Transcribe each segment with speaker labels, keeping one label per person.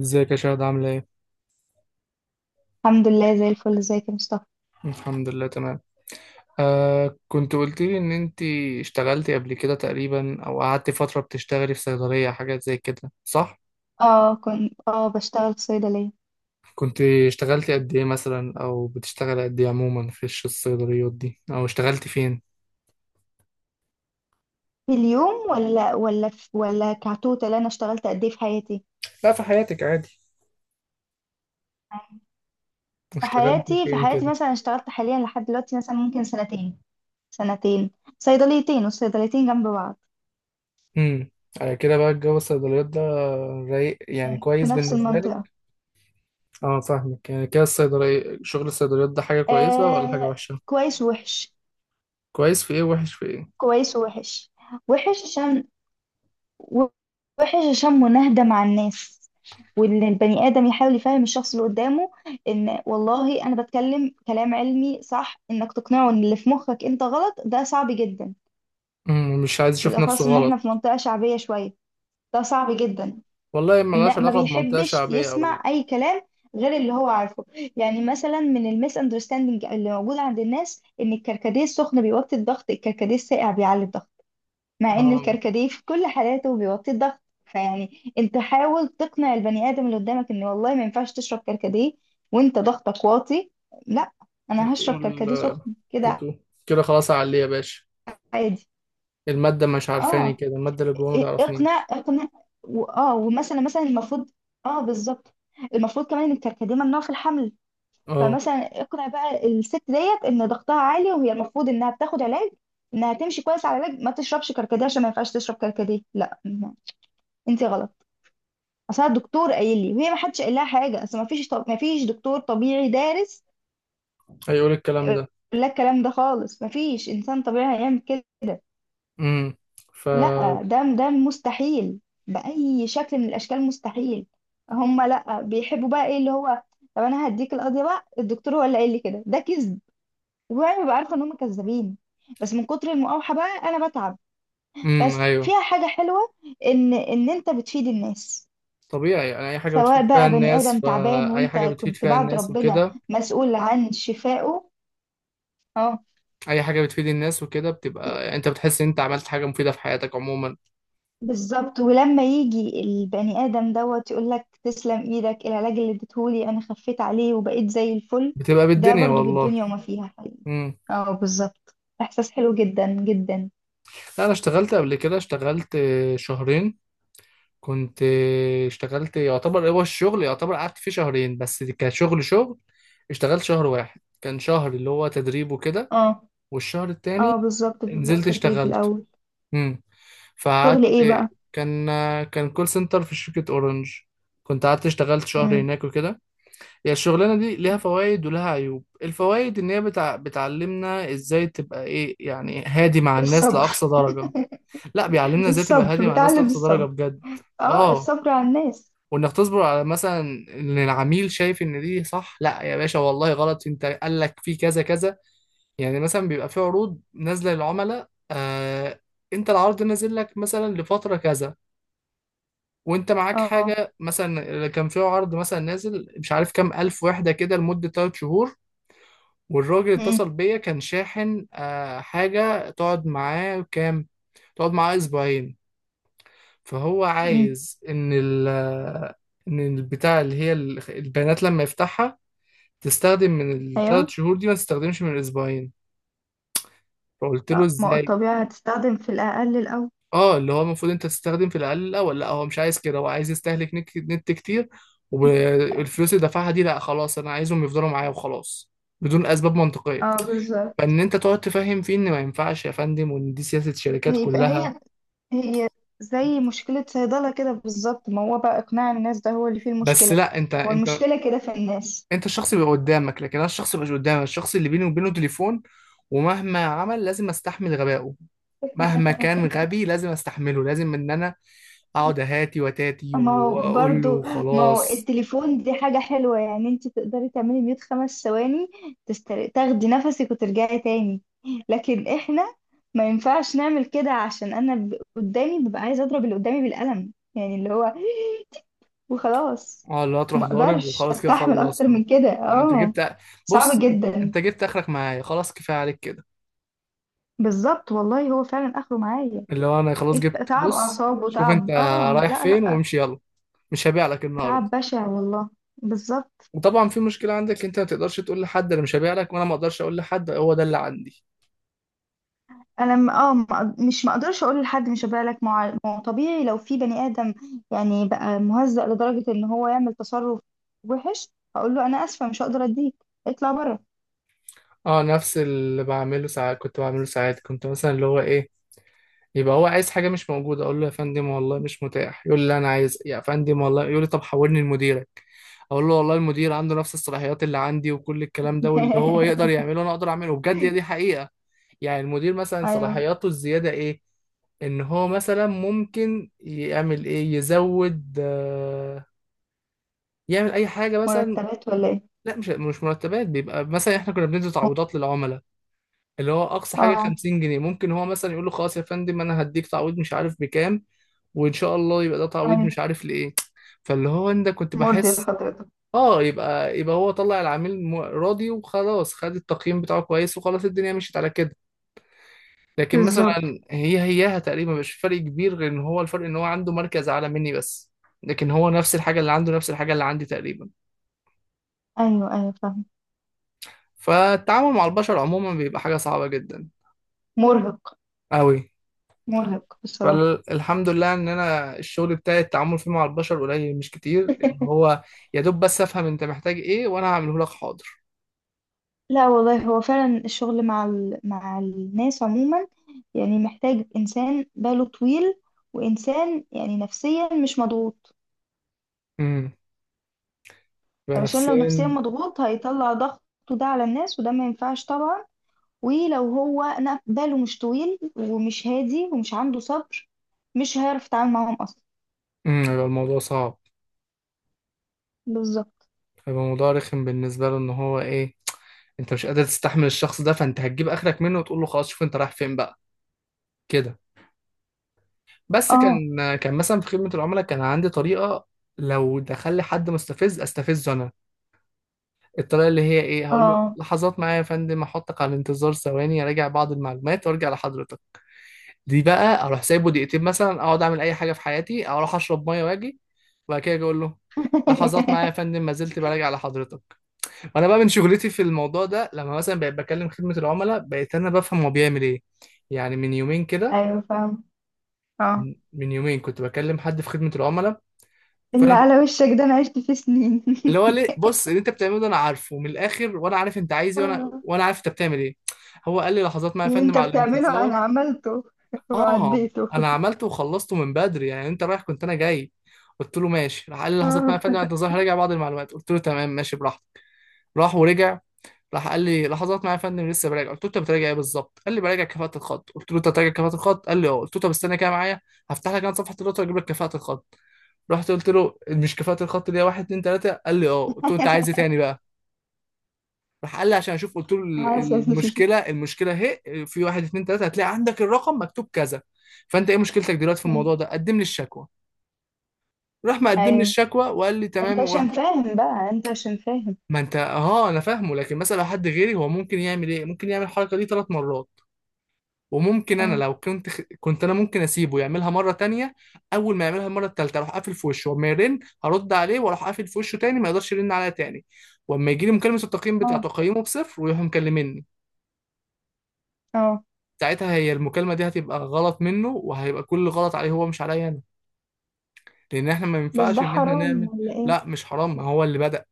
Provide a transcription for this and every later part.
Speaker 1: ازيك يا شهد عاملة ايه؟
Speaker 2: الحمد لله زي الفل. ازيك يا مصطفى؟
Speaker 1: الحمد لله تمام. كنت قلت لي ان انت اشتغلتي قبل كده تقريبا او قعدتي فترة بتشتغلي في صيدلية حاجات زي كده صح؟
Speaker 2: اه، كنت بشتغل في صيدلية.
Speaker 1: كنت اشتغلتي قد ايه مثلا او بتشتغلي قد ايه عموما في الصيدليات دي او اشتغلتي فين؟
Speaker 2: في اليوم، ولا كتوتال؟ انا اشتغلت قد ايه
Speaker 1: لا في حياتك عادي، واشتغلتي
Speaker 2: في
Speaker 1: فين
Speaker 2: حياتي
Speaker 1: كده؟
Speaker 2: مثلا اشتغلت حاليا لحد دلوقتي، مثلا ممكن سنتين. سنتين، صيدليتين، والصيدليتين جنب بعض
Speaker 1: امم كده بقى الجو الصيدليات ده رايق يعني
Speaker 2: في
Speaker 1: كويس
Speaker 2: نفس
Speaker 1: بالنسبة
Speaker 2: المنطقة.
Speaker 1: لك؟ اه فاهمك، يعني كده شغل الصيدليات ده حاجة كويسة ولا حاجة
Speaker 2: آه،
Speaker 1: وحشة؟
Speaker 2: كويس ووحش،
Speaker 1: كويس في ايه وحش في ايه؟
Speaker 2: كويس ووحش. وحش عشان وحش عشان مناهدة مع الناس، وان البني ادم يحاول يفهم الشخص اللي قدامه. ان والله انا بتكلم كلام علمي صح، انك تقنعه ان اللي في مخك انت غلط ده صعب جدا.
Speaker 1: مم، مش عايز يشوف نفسه
Speaker 2: بالاخص ان احنا في
Speaker 1: غلط.
Speaker 2: منطقة شعبية شوية، ده صعب جدا.
Speaker 1: والله ملهاش
Speaker 2: ما
Speaker 1: علاقة بمنطقة
Speaker 2: بيحبش
Speaker 1: شعبية أو لا.
Speaker 2: يسمع اي كلام غير اللي هو عارفه. يعني مثلا من الميس اندرستاندينج اللي موجود عند الناس، ان الكركديه السخن بيوطي الضغط، الكركديه الساقع بيعلي الضغط، مع ان
Speaker 1: اه.
Speaker 2: الكركديه في كل حالاته بيوطي الضغط. فيعني انت حاول تقنع البني ادم اللي قدامك ان والله ما ينفعش تشرب كركديه وانت ضغطك واطي. لا، انا هشرب
Speaker 1: وتقول
Speaker 2: كركديه
Speaker 1: آه،
Speaker 2: سخن كده
Speaker 1: وتقول كده خلاص عليه يا باشا.
Speaker 2: عادي.
Speaker 1: المادة مش عارفاني
Speaker 2: اه،
Speaker 1: كده، المادة اللي جوه ما
Speaker 2: اقنع
Speaker 1: تعرفنيش.
Speaker 2: اقنع. ومثلا مثلا المفروض. اه بالظبط، المفروض كمان ان الكركديه ممنوع في الحمل.
Speaker 1: اه.
Speaker 2: فمثلا اقنع بقى الست ديت ان ضغطها عالي وهي المفروض انها بتاخد علاج، انها تمشي كويس على علاج ما تشربش كركديه، عشان ما ينفعش تشرب كركديه. لا، انت غلط، اصل أنا الدكتور قايل لي، وهي ما حدش قال لها حاجه، اصل ما فيش ما فيش دكتور طبيعي دارس
Speaker 1: هيقول الكلام
Speaker 2: هيقول
Speaker 1: ده.
Speaker 2: لك الكلام ده خالص. ما فيش انسان طبيعي هيعمل كده.
Speaker 1: امم ف
Speaker 2: لا، ده مستحيل، باي شكل من الاشكال مستحيل. هم لا بيحبوا بقى ايه اللي هو، طب انا هديك القضيه بقى، الدكتور هو اللي قال لي كده، ده كذب. وانا ببقى عارفه ان هم كذابين، بس من كتر المقاوحه بقى انا بتعب. بس
Speaker 1: ايوه،
Speaker 2: فيها حاجه حلوه، ان انت بتفيد الناس،
Speaker 1: طبيعي، يعني اي حاجة بتفيد
Speaker 2: سواء
Speaker 1: فيها
Speaker 2: بقى بني
Speaker 1: الناس،
Speaker 2: آدم تعبان
Speaker 1: فاي
Speaker 2: وانت
Speaker 1: حاجة بتفيد
Speaker 2: كنت
Speaker 1: فيها
Speaker 2: بعد
Speaker 1: الناس
Speaker 2: ربنا
Speaker 1: وكده.
Speaker 2: مسؤول عن شفائه. اه،
Speaker 1: اي حاجة بتفيد الناس وكده بتبقى يعني انت بتحس ان انت عملت حاجة مفيدة في حياتك عموما.
Speaker 2: بالظبط. ولما يجي البني آدم دوت يقول لك تسلم ايدك، العلاج اللي اديتهولي انا خفيت عليه وبقيت زي الفل.
Speaker 1: بتبقى
Speaker 2: ده
Speaker 1: بالدنيا
Speaker 2: برضو
Speaker 1: والله.
Speaker 2: بالدنيا وما فيها حقيقي.
Speaker 1: امم
Speaker 2: اه، بالظبط، احساس حلو جدا جدا.
Speaker 1: لا انا اشتغلت قبل كده، اشتغلت شهرين. كنت اشتغلت، يعتبر هو الشغل يعتبر قعدت فيه شهرين بس كشغل شغل. اشتغلت شهر واحد، كان شهر اللي هو تدريب وكده.
Speaker 2: اه.
Speaker 1: والشهر
Speaker 2: اه
Speaker 1: التاني
Speaker 2: بالظبط، بيبقى
Speaker 1: نزلت
Speaker 2: تدريب
Speaker 1: اشتغلت.
Speaker 2: الاول.
Speaker 1: امم
Speaker 2: شغل
Speaker 1: فقعدت.
Speaker 2: ايه بقى؟
Speaker 1: كان كان كول سنتر في شركة اورنج. كنت قعدت اشتغلت شهر
Speaker 2: مم.
Speaker 1: هناك وكده. هي الشغلانة دي ليها فوائد ولها عيوب، الفوائد ان هي بتعلمنا ازاي تبقى ايه يعني هادي مع الناس
Speaker 2: الصبر.
Speaker 1: لأقصى درجة. لا بيعلمنا ازاي تبقى هادي
Speaker 2: الصبر،
Speaker 1: مع الناس
Speaker 2: بتعلم
Speaker 1: لأقصى درجة
Speaker 2: الصبر.
Speaker 1: بجد.
Speaker 2: اه،
Speaker 1: اه،
Speaker 2: الصبر على الناس.
Speaker 1: وانك تصبر على مثلا ان العميل شايف ان دي صح، لا يا باشا والله غلط، انت قال لك في كذا كذا. يعني مثلا بيبقى في عروض نازله للعملاء انت العرض نازل لك مثلا لفتره كذا. وانت معاك
Speaker 2: اه.
Speaker 1: حاجه، مثلا كان في عرض مثلا نازل مش عارف كام الف وحده كده لمده 3 شهور. والراجل
Speaker 2: امم.
Speaker 1: اتصل بيا كان شاحن، حاجه تقعد معاه كام، تقعد معاه اسبوعين. فهو
Speaker 2: امم.
Speaker 1: عايز ان البتاع اللي هي البيانات لما يفتحها تستخدم من الثلاث
Speaker 2: ايوه.
Speaker 1: شهور دي، ما تستخدمش من الاسبوعين. فقلت له
Speaker 2: آه، ما هو
Speaker 1: ازاي.
Speaker 2: الطبيعة هتستخدم في الأقل الأول.
Speaker 1: اه، اللي هو المفروض انت تستخدم في الاقل الاول، لا هو مش عايز كده، هو عايز يستهلك نت كتير. والفلوس اللي دفعها دي، لا خلاص انا عايزهم يفضلوا معايا وخلاص، بدون اسباب منطقيه.
Speaker 2: اه بالظبط.
Speaker 1: فان انت تقعد تفهم فيه ان ما ينفعش يا فندم، وان دي سياسه الشركات
Speaker 2: يبقى
Speaker 1: كلها.
Speaker 2: هي، هي زي مشكلة صيدلة كده بالظبط، ما هو بقى إقناع الناس ده هو اللي فيه
Speaker 1: بس
Speaker 2: المشكلة.
Speaker 1: لا انت
Speaker 2: هو
Speaker 1: انت
Speaker 2: المشكلة كده في الناس.
Speaker 1: انت الشخص اللي قدامك، لكن انا الشخص اللي مش قدامك، الشخص اللي بيني وبينه تليفون. ومهما عمل لازم استحمل غبائه، مهما كان غبي لازم استحمله، لازم ان انا اقعد اهاتي وتاتي
Speaker 2: ما هو
Speaker 1: واقول له
Speaker 2: برضو ما هو
Speaker 1: خلاص.
Speaker 2: التليفون دي حاجة حلوة، يعني انت تقدري تعملي ميوت خمس ثواني، تاخدي نفسك وترجعي تاني. لكن احنا ما ينفعش نعمل كده، عشان انا قدامي ببقى عايزة اضرب اللي قدامي بالقلم، يعني اللي هو، وخلاص،
Speaker 1: اه، لا تروح
Speaker 2: ما
Speaker 1: ضارب
Speaker 2: اقدرش
Speaker 1: وخلاص كده
Speaker 2: استحمل اكتر
Speaker 1: خلصنا.
Speaker 2: من كده.
Speaker 1: انت
Speaker 2: اه،
Speaker 1: جبت
Speaker 2: صعب
Speaker 1: بص،
Speaker 2: جدا.
Speaker 1: انت جبت اخرك معايا خلاص كفايه عليك كده.
Speaker 2: بالظبط، والله هو فعلا اخره معايا.
Speaker 1: اللي هو انا خلاص
Speaker 2: إيه
Speaker 1: جبت،
Speaker 2: تعب
Speaker 1: بص
Speaker 2: اعصاب
Speaker 1: شوف انت
Speaker 2: وتعب، اه
Speaker 1: رايح
Speaker 2: لا
Speaker 1: فين
Speaker 2: لا،
Speaker 1: وامشي يلا، مش هبيع لك النهارده.
Speaker 2: تعب بشع والله. بالظبط.
Speaker 1: وطبعا في مشكله عندك انت، ما تقدرش تقول لحد انا مش هبيع لك، وانا ما اقدرش اقول لحد هو ده اللي عندي.
Speaker 2: انا م... اه ما- مش ما اقدرش اقول لحد، مش بالك مع ما هو طبيعي لو في بني ادم يعني بقى مهزأ لدرجة ان هو يعمل تصرف وحش، هقول له انا اسفة مش هقدر اديك، اطلع بره.
Speaker 1: اه، نفس اللي بعمله ساعات كنت بعمله ساعات كنت مثلا اللي هو ايه، يبقى هو عايز حاجة مش موجودة، اقول له يا فندم والله مش متاح، يقول لي لا انا عايز يا فندم والله، يقول لي طب حولني لمديرك. اقول له والله المدير عنده نفس الصلاحيات اللي عندي وكل الكلام ده، واللي هو يقدر يعمله انا اقدر اعمله بجد، هي دي حقيقة. يعني المدير مثلا
Speaker 2: ايوه.
Speaker 1: صلاحياته الزيادة ايه، ان هو مثلا ممكن يعمل ايه، يزود يعمل اي حاجة مثلا.
Speaker 2: مرتبات ولا ايه؟
Speaker 1: لا مش مرتبات، بيبقى مثلا احنا كنا بندي تعويضات للعملاء، اللي هو اقصى حاجه
Speaker 2: اه.
Speaker 1: 50 جنيه، ممكن هو مثلا يقول له خلاص يا فندم انا هديك تعويض مش عارف بكام. وان شاء الله يبقى ده تعويض
Speaker 2: ايوه،
Speaker 1: مش عارف لايه. فاللي هو انت كنت
Speaker 2: مرضي
Speaker 1: بحس،
Speaker 2: لحضرتك.
Speaker 1: اه، يبقى هو طلع العميل راضي وخلاص، خد التقييم بتاعه كويس وخلاص، الدنيا مشيت على كده. لكن
Speaker 2: بالظبط.
Speaker 1: مثلا هي هياها تقريبا مش فرق كبير، غير ان هو الفرق ان هو عنده مركز اعلى مني بس. لكن هو نفس الحاجه اللي عنده نفس الحاجه اللي عندي تقريبا.
Speaker 2: ايوه، ايوه فاهم.
Speaker 1: فالتعامل مع البشر عموما بيبقى حاجه صعبه جدا
Speaker 2: مرهق.
Speaker 1: قوي.
Speaker 2: مرهق بصراحة.
Speaker 1: فالحمد لله ان انا الشغل بتاعي التعامل فيه مع البشر قليل مش كتير، اللي هو يا دوب بس افهم انت محتاج ايه وانا هعمله لك حاضر.
Speaker 2: لا والله هو فعلا الشغل مع مع الناس عموما، يعني محتاج انسان باله طويل، وانسان يعني نفسيا مش مضغوط.
Speaker 1: امم يبقى
Speaker 2: علشان لو نفسيا
Speaker 1: نفسيا.
Speaker 2: مضغوط هيطلع ضغطه ده على الناس، وده ما ينفعش طبعا. ولو هو باله مش طويل ومش هادي ومش عنده صبر مش هيعرف يتعامل معاهم اصلا.
Speaker 1: يبقى الموضوع صعب.
Speaker 2: بالظبط.
Speaker 1: يبقى الموضوع رخم بالنسبه له، ان هو ايه، انت مش قادر تستحمل الشخص ده، فانت هتجيب اخرك منه وتقول له خلاص شوف انت رايح فين بقى كده. بس
Speaker 2: اه.
Speaker 1: كان مثلا في خدمه العملاء كان عندي طريقه، لو دخل لي حد مستفز استفزه انا. الطريقه اللي هي ايه، هقول له
Speaker 2: اه.
Speaker 1: لحظات معايا يا فندم، احطك على الانتظار ثواني اراجع بعض المعلومات وارجع لحضرتك. دي بقى اروح سايبه دقيقتين مثلا، اقعد اعمل اي حاجه في حياتي، اروح اشرب ميه واجي، وبعد كده أجي اقول له لحظات معايا يا فندم ما زلت براجع على حضرتك. وانا بقى من شغلتي في الموضوع ده، لما مثلا بقيت بكلم خدمه العملاء بقيت انا بفهم هو بيعمل ايه. يعني من يومين كده،
Speaker 2: ايوه فاهم.
Speaker 1: من يومين كنت بكلم حد في خدمه العملاء.
Speaker 2: اللي
Speaker 1: فانا
Speaker 2: على وشك ده انا عشت فيه سنين.
Speaker 1: اللي هو ليه، بص اللي انت بتعمله ده انا عارفه من الاخر، وانا عارف انت عايز ايه، وانا
Speaker 2: آه.
Speaker 1: وانا عارف انت بتعمل ايه. هو قال لي لحظات معايا يا
Speaker 2: اللي
Speaker 1: فندم
Speaker 2: انت
Speaker 1: على
Speaker 2: بتعمله
Speaker 1: الانتظار.
Speaker 2: انا عملته
Speaker 1: اه،
Speaker 2: وعديته.
Speaker 1: انا عملته وخلصته من بدري، يعني انت رايح كنت انا جاي. قلت له ماشي، راح قال لي لحظات معايا يا
Speaker 2: آه.
Speaker 1: فندم انت ظاهر راجع بعض المعلومات، قلت له تمام ماشي براحتك. راح ورجع، راح قال لي لحظات معايا يا فندم لسه براجع، قلت له انت بتراجع ايه بالظبط، قال لي براجع كفاءة الخط، قلت له انت بتراجع كفاءة الخط، قال لي اه، قلت له طب استنى كده معايا، هفتح لك انا صفحة الدكتور اجيب لك كفاءة الخط. رحت قلت له مش كفاءة الخط دي واحد اتنين تلاتة، قال لي اه، قلت له انت عايز ايه تاني بقى. راح قال لي عشان اشوف، قلت له
Speaker 2: حاسس.
Speaker 1: المشكله اهي في واحد اتنين تلاته، هتلاقي عندك الرقم مكتوب كذا. فانت ايه مشكلتك دلوقتي في الموضوع ده، قدم لي الشكوى. راح مقدم لي
Speaker 2: ايوه،
Speaker 1: الشكوى وقال لي
Speaker 2: انت
Speaker 1: تمام وراح.
Speaker 2: عشان فاهم بقى، انت عشان فاهم.
Speaker 1: ما انت اه، انا فاهمه، لكن مثلا لو حد غيري هو ممكن يعمل ايه، ممكن يعمل الحركه دي 3 مرات. وممكن انا
Speaker 2: اه.
Speaker 1: لو كنت كنت انا ممكن اسيبه يعملها مره تانية. اول ما يعملها المره التالتة اروح قافل في وشه، وما يرن هرد عليه، واروح قافل في وشه تاني ما يقدرش يرن عليا تاني. واما يجي لي مكالمه التقييم بتاع
Speaker 2: آه.
Speaker 1: تقييمه بصفر ويروح مكلمني.
Speaker 2: اه.
Speaker 1: ساعتها هي المكالمة دي هتبقى غلط منه، وهيبقى كل غلط عليه هو مش عليا أنا، لأن إحنا ما
Speaker 2: بس
Speaker 1: ينفعش
Speaker 2: ده
Speaker 1: إن إحنا
Speaker 2: حرام
Speaker 1: نعمل.
Speaker 2: ولا ايه؟
Speaker 1: لا مش حرام، ما هو اللي بدأ.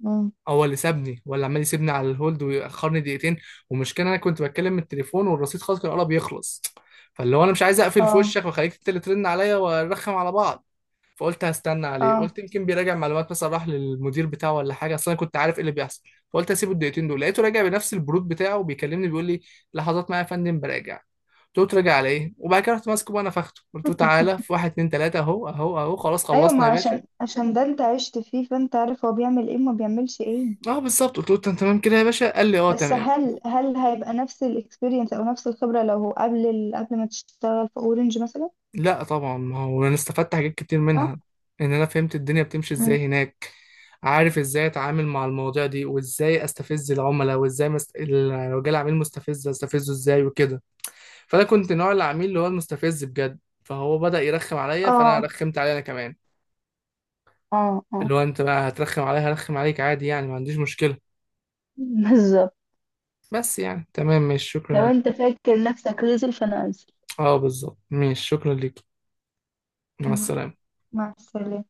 Speaker 2: مم.
Speaker 1: هو اللي سابني، هو اللي عمال يسيبني على الهولد ويأخرني دقيقتين. والمشكلة أنا كنت بتكلم من التليفون والرصيد خلاص كان قرب يخلص. فاللي هو أنا مش عايز أقفل في
Speaker 2: اه.
Speaker 1: وشك وأخليك أنت اللي ترن عليا ونرخم على بعض. فقلت هستنى عليه،
Speaker 2: اه.
Speaker 1: قلت يمكن بيراجع معلومات مثلا، راح للمدير بتاعه ولا حاجه، اصل انا كنت عارف ايه اللي بيحصل. فقلت هسيبه الدقيقتين دول، لقيته راجع بنفس البرود بتاعه بيكلمني بيقول لي لحظات معايا يا فندم براجع. قلت له تراجع على ايه، وبعد كده رحت ماسكه بقى نفخته، قلت له تعالى في واحد اتنين تلاته اهو اهو اهو، خلاص
Speaker 2: ايوه، ما
Speaker 1: خلصنا يا باشا.
Speaker 2: عشان ده انت عشت فيه فانت عارف هو بيعمل ايه وما بيعملش ايه.
Speaker 1: اه بالظبط، قلت له انت تمام كده يا باشا، قال لي اه
Speaker 2: بس
Speaker 1: تمام.
Speaker 2: هل هيبقى نفس الاكسبيرينس او نفس الخبرة لو هو قبل قبل ما تشتغل في اورنج مثلا.
Speaker 1: لا طبعا، ما هو انا استفدت حاجات كتير
Speaker 2: اه.
Speaker 1: منها، ان انا فهمت الدنيا بتمشي ازاي هناك، عارف ازاي اتعامل مع المواضيع دي، وازاي استفز العملاء، وازاي لو جالي عميل مستفز استفزه ازاي وكده. فانا كنت نوع العميل اللي هو المستفز بجد، فهو بدأ يرخم عليا، فانا
Speaker 2: اه.
Speaker 1: رخمت عليه انا كمان،
Speaker 2: اه. اه
Speaker 1: اللي هو انت بقى هترخم عليا هرخم عليك عادي، يعني ما عنديش مشكلة.
Speaker 2: بالظبط.
Speaker 1: بس يعني تمام ماشي شكرا
Speaker 2: لو
Speaker 1: ليك.
Speaker 2: انت فاكر نفسك رزل فانا انزل.
Speaker 1: اه بالظبط ماشي شكرا ليك، مع
Speaker 2: مع
Speaker 1: السلامة.
Speaker 2: مع السلامة.